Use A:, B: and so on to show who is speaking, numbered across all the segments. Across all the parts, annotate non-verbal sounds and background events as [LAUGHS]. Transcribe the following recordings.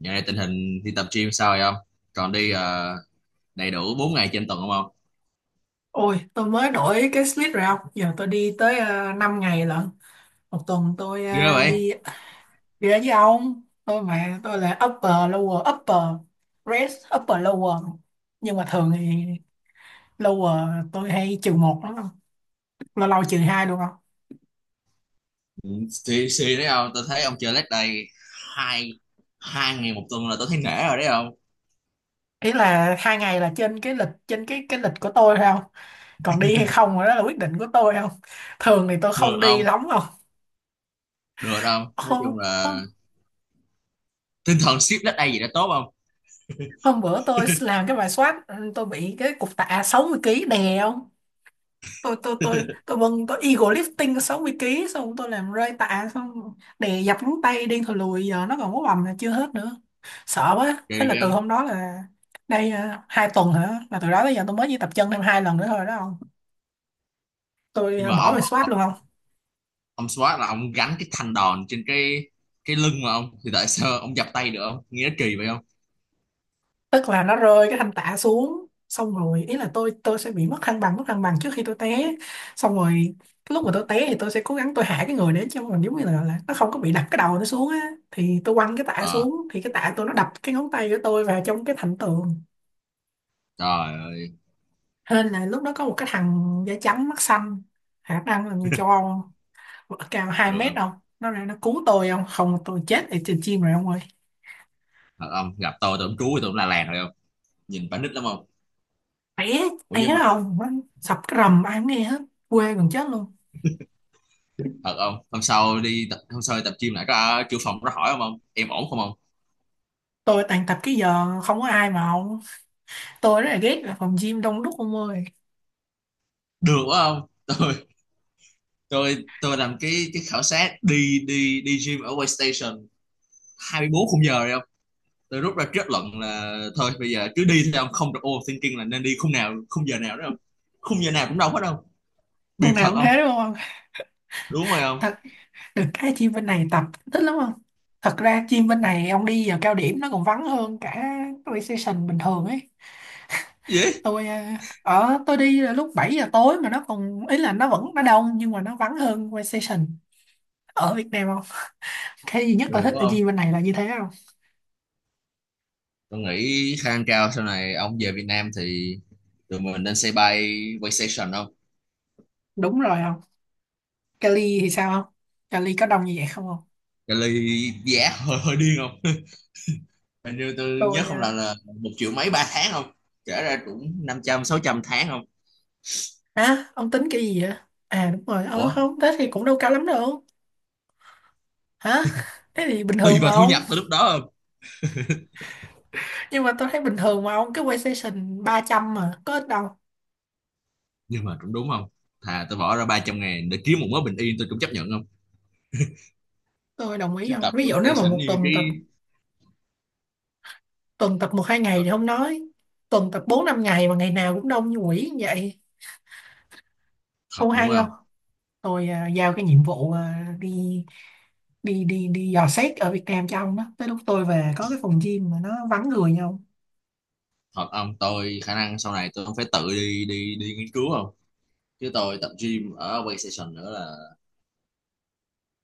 A: Dạo này tình hình đi tập gym sao rồi không? Còn đi đầy đủ 4 ngày trên tuần không không?
B: Ôi, tôi mới đổi cái slip rồi ông. Giờ tôi đi tới 5 ngày lận. Một tuần tôi
A: Ghê vậy?
B: đi đi ra với ông. Tôi mà tôi là upper lower upper rest upper lower. Nhưng mà thường thì lower tôi hay trừ một lắm không? Lâu lâu trừ hai luôn không?
A: Ừ, xì xì đấy không? Tôi thấy ông chơi leg day hai hai ngày một tuần là tôi thấy nể rồi đấy không?
B: Ý là hai ngày là trên cái lịch, trên cái lịch của tôi thôi không? Còn đi hay không đó là quyết định của tôi không? Thường thì tôi
A: Được
B: không đi
A: không?
B: lắm không?
A: Được không? Nói
B: Hôm,
A: chung là
B: hôm,
A: tinh thần ship leg day gì đã tốt không?
B: hôm bữa tôi làm cái bài soát, tôi bị cái cục tạ 60 ký đè không? tôi tôi tôi
A: [LAUGHS]
B: tôi vâng tôi eagle lifting có 60 ký, xong tôi làm rơi tạ, xong đè dập ngón tay điên thò lùi, giờ nó còn có bầm là chưa hết nữa. Sợ quá, thế
A: Kỳ
B: là
A: ghê
B: từ
A: không?
B: hôm đó là đây à, hai tuần hả, là từ đó tới giờ tôi mới chỉ tập chân thêm hai lần nữa thôi đó không. Tôi
A: Nhưng mà
B: bỏ
A: ông
B: về
A: ông,
B: SWAT
A: ông,
B: luôn không.
A: ông squat là ông gánh cái thanh đòn trên cái lưng mà ông, thì tại sao ông dập tay được không? Nghe nó kỳ vậy không?
B: Tức là nó rơi cái thanh tạ xuống, xong rồi ý là tôi sẽ bị mất thăng bằng, mất thăng bằng trước khi tôi té. Xong rồi cái lúc mà tôi té thì tôi sẽ cố gắng, tôi hạ cái người đến cho mình giống như là nó không có bị đập cái đầu nó xuống á, thì tôi quăng cái tạ
A: Ờ,
B: xuống thì cái tạ tôi nó đập cái ngón tay của tôi vào trong cái thành tường.
A: trời ơi,
B: Hên là lúc đó có một cái thằng da trắng mắt xanh, khả năng là người châu Âu, cao hai
A: được
B: mét
A: không?
B: không, nó ra nó cứu tôi không, không tôi chết ở trên chim rồi ông ơi.
A: Thật không? Gặp tôi cũng trú, tôi cũng la làng rồi không? Nhìn phải nít lắm không?
B: té
A: Ủa
B: té
A: nhưng mà
B: không, nó sập cái rầm ai cũng nghe hết, quê gần chết luôn.
A: thật không, hôm sau đi tập gym lại có chủ phòng có hỏi không, ông em ổn không ông?
B: Tôi toàn tập cái giờ không có ai mà không, tôi rất là ghét là phòng gym đông đúc ông ơi.
A: Được quá không. [LAUGHS] Tôi tôi làm cái khảo sát đi đi đi gym ở Waystation 24 khung giờ rồi không. Tôi rút ra kết luận là thôi bây giờ cứ đi thôi ông, không được overthinking là nên đi khung nào, khung giờ nào đó không. Khung giờ nào cũng đâu hết đâu biệt
B: Hôm
A: thật
B: nào cũng
A: không.
B: thế đúng không?
A: Đúng rồi không.
B: Thật được cái gym bên này tập thích lắm không. Thật ra gym bên này ông đi giờ cao điểm nó còn vắng hơn cả recession bình thường ấy.
A: Gì
B: Tôi ở, tôi đi là lúc 7 giờ tối mà nó còn ý là nó vẫn nó đông nhưng mà nó vắng hơn recession ở Việt Nam không. Cái duy nhất
A: biệt
B: tôi thích
A: phải
B: ở
A: không?
B: gym bên này là như thế không.
A: Tôi nghĩ khả năng cao sau này ông về Việt Nam thì tụi mình nên xây bay Waystation không.
B: Đúng rồi không. Cali thì sao không? Cali có đông như vậy không không?
A: Cái ly giá [LAUGHS] hơi hơi điên không. Hình như tôi nhớ
B: tôi
A: không lầm
B: à,
A: là một triệu mấy ba tháng không? Kể ra cũng năm trăm sáu trăm tháng không?
B: Hả? Ông tính cái gì vậy? À đúng rồi, ờ
A: Ủa,
B: không, thế thì cũng đâu cao lắm đâu. Hả? Thế thì bình
A: tùy
B: thường mà
A: vào thu
B: ông.
A: nhập tới lúc đó không?
B: Nhưng mà tôi thấy bình thường mà ông, cái PlayStation 300 mà, có ít đâu.
A: Nhưng mà cũng đúng không? Thà tôi bỏ ra 300 ngàn để kiếm một mớ bình yên tôi cũng chấp nhận không?
B: Tôi đồng ý
A: Chứ
B: không?
A: tập
B: Ví dụ nếu mà
A: PlayStation
B: một
A: như
B: tuần
A: cái...
B: tập, tuần tập một hai ngày
A: Thật,
B: thì không nói. Tuần tập 4 5 ngày mà ngày nào cũng đông như quỷ như vậy,
A: thật
B: không
A: đúng
B: hay
A: không?
B: không? Tôi giao cái nhiệm vụ đi đi đi đi dò xét ở Việt Nam cho ông đó. Tới lúc tôi về có cái phòng gym mà nó vắng người nhau,
A: Thật ông, tôi khả năng sau này tôi không phải tự đi đi đi nghiên cứu không? Chứ tôi tập gym ở PlayStation nữa là...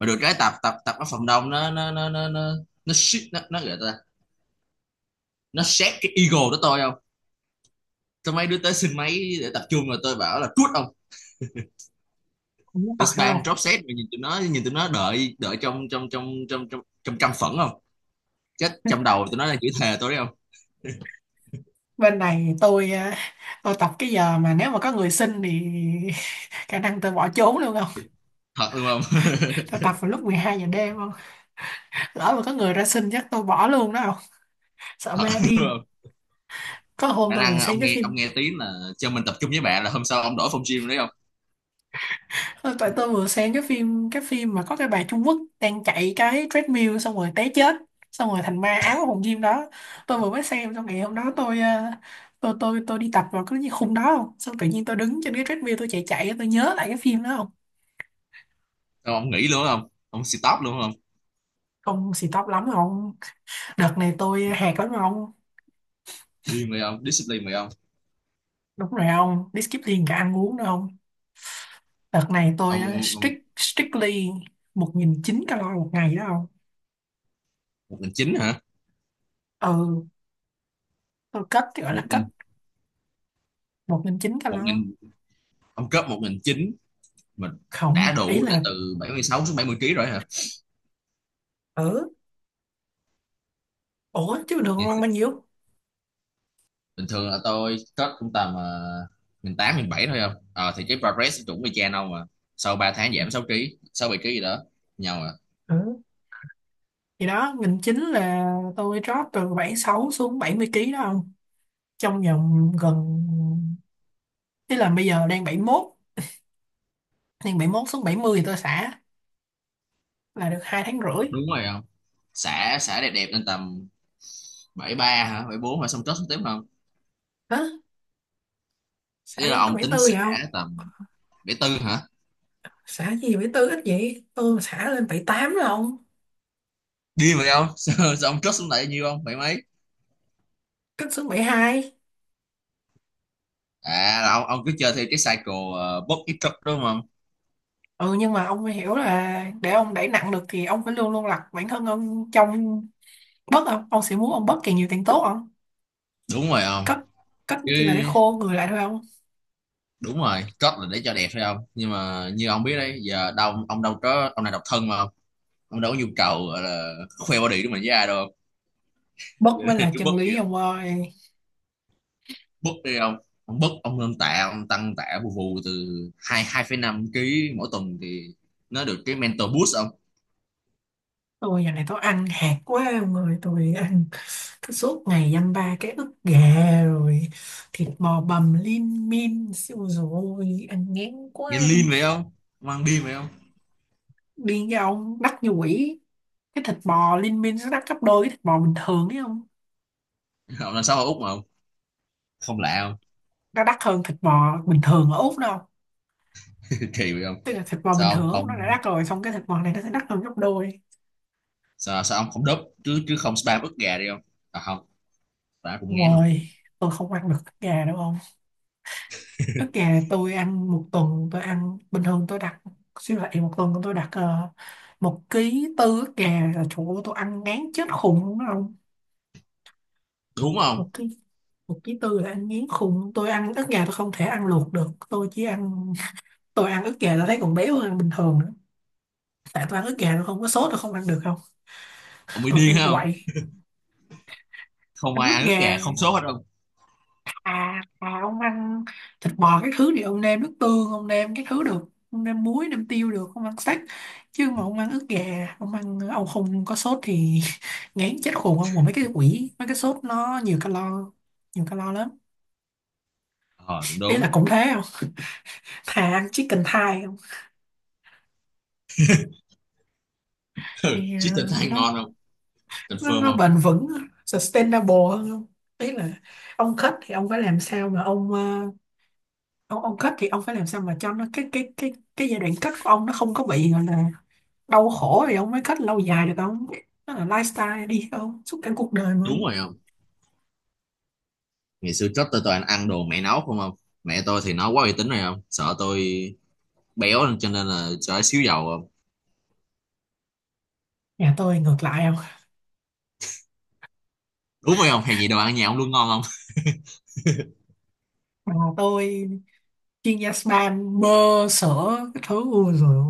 A: Mà được cái tập tập tập ở phòng đông nó shit, nó gọi ta, nó xét cái ego của tôi không? Tôi mấy đứa tới xin máy để tập trung rồi tôi bảo là cút ông.
B: cũng thật
A: Tụi
B: hay
A: spam
B: không?
A: drop set mà nhìn tụi nó, nhìn tụi nó đợi đợi trong trong trong trong trong trong căm phẫn không, chết trong đầu tụi nó đang chửi thề tôi đấy không.
B: Bên này tôi tôi tập cái giờ mà nếu mà có người xin thì [LAUGHS] khả năng tôi bỏ trốn luôn không.
A: Thật luôn không.
B: Tôi tập vào lúc 12 giờ đêm không, lỡ mà có người ra xin chắc tôi bỏ luôn đó không,
A: [LAUGHS]
B: sợ
A: Thật
B: ma
A: luôn
B: điên.
A: không,
B: Có hôm
A: khả
B: tôi vừa
A: năng ông
B: xem cái
A: nghe,
B: phim,
A: ông nghe tiếng là cho mình tập trung với bạn là hôm sau ông đổi phòng gym đấy không.
B: ờ, tại tôi vừa xem cái phim, cái phim mà có cái bà Trung Quốc đang chạy cái treadmill xong rồi té chết, xong rồi thành ma ám ở phòng gym đó. Tôi vừa mới xem xong ngày hôm đó, tôi tôi đi tập vào cái khung đó không, xong tự nhiên tôi đứng trên cái treadmill tôi chạy chạy tôi nhớ lại cái phim đó không.
A: Sao ông nghỉ luôn không, ông stop luôn không?
B: Không xì tóc lắm không. Đợt này tôi hẹt lắm ông.
A: Điên rồi không, discipline rồi không.
B: Đúng rồi ông. Đi skip liền cả ăn uống đâu ông. Đợt này tôi
A: Ông
B: strict, strictly một nghìn chín 900 calo một ngày đó ông.
A: một nghìn chín hả?
B: Ừ, tôi cất thì gọi
A: một
B: là cất
A: nghìn
B: 1.900
A: một
B: calo.
A: nghìn Ông cấp một nghìn chín mình
B: Không
A: đã
B: ý
A: đủ để
B: là
A: từ 76 xuống 70 kg rồi hả?
B: ở. Ủa chứ bình thường ông
A: Nghe
B: ăn bao nhiêu?
A: bình thường là tôi cất cũng tầm 18 bảy thôi không. Ờ thì cái progress cũng y chang đâu mà, sau 3 tháng giảm 6 ký, 6 7 ký gì đó nhau à.
B: Ừ, thì đó nghìn chín là tôi drop từ 76 xuống 70 kg đó ông. Trong vòng gần, ý là bây giờ đang 71. Đang bảy mốt xuống 70 thì tôi xả. Là được 2 tháng rưỡi.
A: Đúng rồi không, xả xả đẹp đẹp lên tầm bảy ba hả, bảy bốn hả, xong cất xuống tiếp không?
B: Hả? Xả
A: Thế là
B: gì có
A: ông
B: 74
A: tính
B: vậy không?
A: xả tầm bảy tư hả?
B: Xả gì 74 ít vậy, tôi mà xả lên 78 là ông.
A: Điên vậy không. [LAUGHS] Sao ông cất xuống lại nhiêu không, bảy mấy?
B: Cất xuống 72.
A: À là ông cứ chơi theo cái cycle box ít cất đúng không?
B: Ừ nhưng mà ông phải hiểu là để ông đẩy nặng được thì ông phải luôn luôn đặt bản thân ông trong bớt không, ông sẽ muốn ông bớt càng nhiều càng tốt không.
A: Đúng rồi không.
B: Cất cất nó
A: Chứ
B: chỉ là để khô người lại thôi không.
A: đúng rồi, cất là để cho đẹp phải không, nhưng mà như ông biết đấy, giờ đâu ông đâu có, ông này độc thân mà, ông đâu có nhu cầu gọi là khoe body của mình với ai đâu. [LAUGHS]
B: Bớt
A: Cho
B: mới
A: nên
B: là
A: cứ bớt
B: chân
A: đi,
B: lý ông ơi.
A: bớt đi ông. Ông bớt, ông lên tạ, ông tăng tạ vù vù từ hai hai phẩy năm ký mỗi tuần thì nó được cái mental boost ông.
B: Tôi giờ này tôi ăn hạt quá ông ơi, tôi ăn cứ suốt ngày dăm ba cái ức gà, rồi thịt bò bằm lim dim siêu, rồi ăn ngán
A: Nghe
B: quá.
A: lean vậy không, ông ăn điên vậy không.
B: Điên cái ông, đắt như quỷ. Cái thịt bò Liên Minh nó đắt gấp đôi cái thịt bò bình thường ấy không.
A: [LAUGHS] Ông làm sao ở Úc mà ông không lạ không,
B: Nó đắt hơn thịt bò bình thường ở Úc đâu.
A: kỳ vậy không?
B: Tức là thịt bò bình
A: Sao
B: thường
A: ông
B: ở Úc nó đã
A: không,
B: đắt rồi, xong cái thịt bò này nó sẽ đắt hơn gấp đôi.
A: sao ông không đớp chứ chứ không spam ức gà đi không? À không, ta cũng ngán không,
B: Rồi tôi không ăn được ức gà đâu không. Ức gà tôi ăn một tuần, tôi ăn bình thường tôi đặt siêu thị, một tuần tôi đặt một ký tư ức gà là chỗ tôi ăn ngán chết khùng luôn đó không.
A: đúng không?
B: Một ký, một ký tư là ăn ngán khùng. Tôi ăn ức gà tôi không thể ăn luộc được, tôi chỉ ăn. Tôi ăn ức gà tôi thấy còn béo hơn bình thường nữa, tại tôi ăn ức gà tôi không có sốt tôi không ăn được không.
A: Ông mới
B: Tôi
A: điên
B: phải
A: hả không,
B: quậy
A: không
B: ăn
A: ai
B: ức
A: ăn ức
B: gà.
A: gà không sốt hết không.
B: À, ông ăn thịt bò cái thứ thì ông nêm nước tương, ông nêm cái thứ được, ông nêm muối nêm tiêu được, ông ăn steak. Chứ mà ông ăn ức gà ông ăn ông không có sốt thì [LAUGHS] ngán chết khùng ông. Mà mấy cái quỷ mấy cái sốt nó nhiều calo, nhiều calo lắm.
A: Ờ à, đúng
B: Ý là
A: đúng.
B: cũng thế không, thà ăn chicken thigh không.
A: [LAUGHS]
B: Mẹ,
A: Chứ thịt than
B: nó
A: ngon không,
B: nó,
A: confirm
B: nó
A: không.
B: bền vững, sustainable hơn không. Ý là ông kết thì ông phải làm sao mà ông ông kết thì ông phải làm sao mà cho nó cái cái giai đoạn kết của ông nó không có bị gọi là đau khổ thì ông mới kết lâu dài được không. Nó là lifestyle đi không, suốt cả cuộc đời mà
A: Đúng
B: không.
A: rồi không. Ngày xưa trước tôi toàn ăn đồ mẹ nấu không không. Mẹ tôi thì nó quá uy tín rồi, không sợ tôi béo nên- cho nên là cho xíu dầu không.
B: Nhà tôi ngược lại không.
A: Đúng rồi không, hay gì đồ ăn nhà ông luôn ngon không. [LAUGHS]
B: Bà tôi chuyên gia spa bơ sữa cái thứ ui rồi.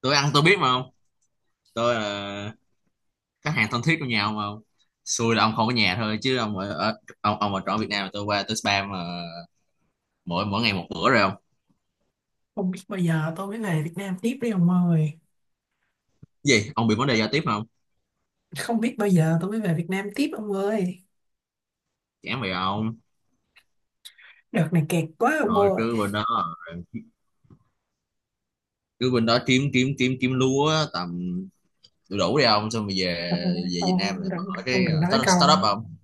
A: Tôi ăn tôi biết mà không, tôi là khách hàng thân thiết của nhà ông mà không. Xui là ông không có nhà thôi, chứ ông ở ông ở trọ Việt Nam là tôi qua tôi spam mà, mỗi mỗi ngày một bữa rồi không.
B: Không biết bao giờ tôi mới về Việt Nam tiếp đi ông ơi.
A: Gì ông bị vấn đề giao tiếp không?
B: Không biết bao giờ tôi mới về Việt Nam tiếp ông ơi.
A: Chán vậy ông.
B: Đợt này kẹt quá ông
A: Rồi
B: ơi.
A: cứ bên đó, cứ bên đó kiếm kiếm kiếm kiếm lúa tầm đủ đủ đi ông, xong rồi về
B: không
A: về Việt
B: không
A: Nam lại
B: không,
A: mở
B: không
A: cái
B: đừng nói câu,
A: startup không.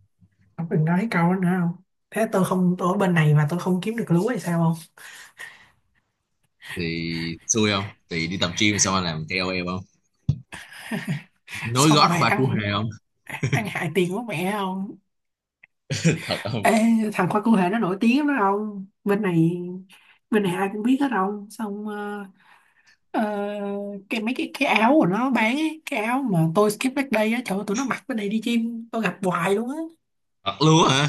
B: không đừng nói câu đó nữa không. Thế tôi không, tôi ở bên này mà tôi không kiếm được lúa hay sao không.
A: Thì xui không thì đi tập gym xong anh làm KOL không,
B: [LAUGHS]
A: nối
B: Xong
A: gót
B: rồi
A: khoa cua
B: ăn,
A: hề không.
B: ăn hại tiền của mẹ không.
A: [LAUGHS] Thật không.
B: Ê, thằng khoai cụ thể nó nổi tiếng lắm đó không, bên này bên này ai cũng biết hết không. Xong ờ, cái mấy cái áo của nó bán ấy, cái áo mà tôi skip back day á, trời ơi, tụi nó mặc bên này đi chim tôi gặp hoài luôn á.
A: Thật luôn hả,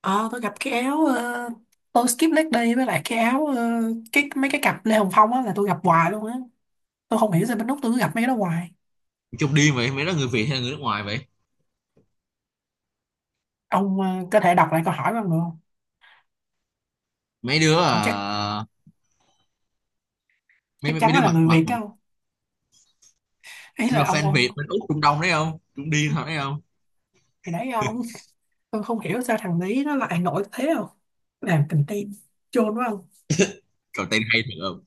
B: Ờ, tôi gặp cái áo tôi skip leg day với lại cái áo cái mấy cái cặp Lê Hồng Phong á là tôi gặp hoài luôn á. Tôi không hiểu sao bên Úc tôi cứ gặp mấy cái đó hoài.
A: trong điên vậy, mấy đứa người Việt hay là người nước ngoài vậy?
B: Ông có thể đọc lại câu hỏi bằng được không?
A: mấy đứa
B: Kiểu chắc,
A: à, mấy
B: chắc
A: mấy mấy
B: chắn
A: đứa
B: là
A: mặt
B: người
A: mặt
B: Việt đó không? Ý
A: nhưng mà
B: là ông
A: fan
B: ông
A: Việt bên Úc Trung Đông đấy không, cũng điên thật đấy không.
B: thì đấy ông, tôi không hiểu sao thằng đấy nó lại nổi thế không? Làm content chôn quá không?
A: Rồi tên hay thật không,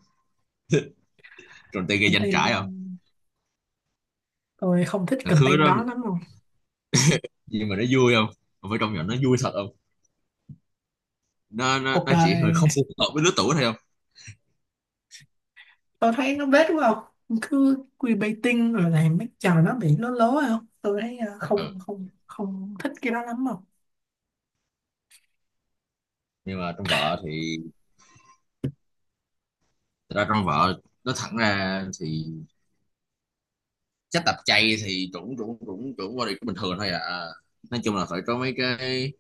A: rồi tên gây danh
B: Content
A: trải không.
B: tôi không thích
A: Thằng khứa
B: content
A: đó,
B: đó lắm không?
A: nhưng mà nó vui không, không phải trong nhỏ, nó vui thật không. nó nó,
B: Cuộc
A: nó chỉ hơi
B: đời
A: không phù hợp với lứa tuổi thôi không.
B: tôi thấy nó bết quá không, cứ clickbaiting rồi làm mấy trò nó bị lố lố không. Tôi thấy
A: Ừ
B: không không không thích cái đó lắm không.
A: nhưng mà trong vợ thì, thật ra trong vợ nó thẳng ra thì chắc tập chay thì chuẩn, chuẩn body cũng bình thường thôi à. Nói chung là phải có mấy cái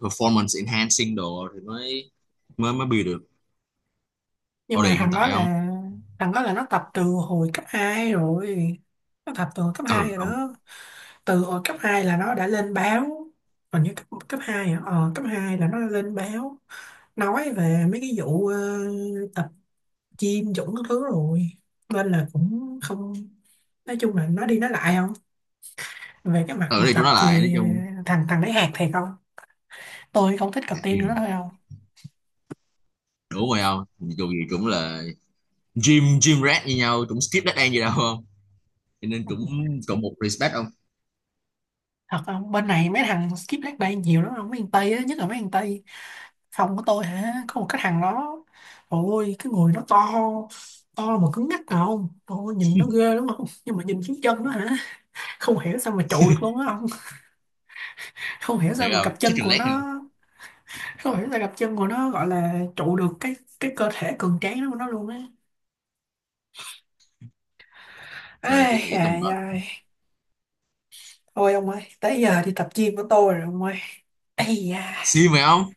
A: performance enhancing đồ thì mới mới mới build được
B: Nhưng mà
A: body hiện
B: thằng đó
A: tại không.
B: là, thằng đó là nó tập từ hồi cấp 2 rồi. Nó tập từ hồi cấp 2
A: Ừ
B: rồi
A: không,
B: đó. Từ hồi cấp 2 là nó đã lên báo. Còn như cấp cấp 2 à? Ờ, cấp 2 là nó đã lên báo nói về mấy cái vụ tập gym Dũng các thứ rồi. Nên là cũng không, nói chung là nó đi nói lại không. Về cái mặt
A: ở
B: mà
A: đây chúng
B: tập
A: nó lại nói
B: thì
A: chung.
B: thằng thằng đấy hạt thiệt không. Tôi không thích cặp tiên nữa
A: Ừ,
B: thôi không.
A: đủ rồi không, dù gì cũng là gym gym rat như nhau, cũng skip dead end gì đâu không, cho nên cũng cộng một respect không.
B: Thật không, bên này mấy thằng skip leg day nhiều lắm không, mấy thằng tây á, nhất là mấy thằng tây phòng của tôi hả, có một cái thằng đó. Ôi cái người nó to, to mà cứng ngắc à không, ôi nhìn nó ghê lắm không, nhưng mà nhìn xuống chân nó hả, không hiểu sao mà trụ được luôn á không. Không hiểu sao
A: Thiệt
B: mà
A: không,
B: cặp
A: chứ
B: chân của
A: leg hay không.
B: nó, không hiểu sao cặp chân của nó gọi là trụ được cái cơ thể cường tráng đó của nó luôn á. Ê
A: Rồi suy nghĩ tầm
B: dài
A: cỡ
B: ai. Thôi ông ơi, tới giờ đi tập gym của tôi rồi ông ơi. Ây da,
A: siêu mày không.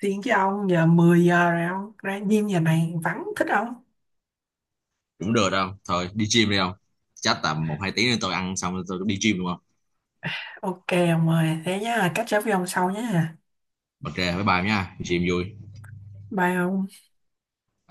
B: tiếng với ông giờ 10 giờ rồi ông. Ra gym giờ này vắng thích ông.
A: Cũng được đâu, thôi đi gym đi không. Chắc tầm một hai tiếng nữa tôi ăn xong rồi tôi cũng đi gym đúng không.
B: Ok ông ơi, thế nhá, catch up với ông sau nhá.
A: Ok bye bye nha, đi gym vui.
B: Bye ông.
A: Bye.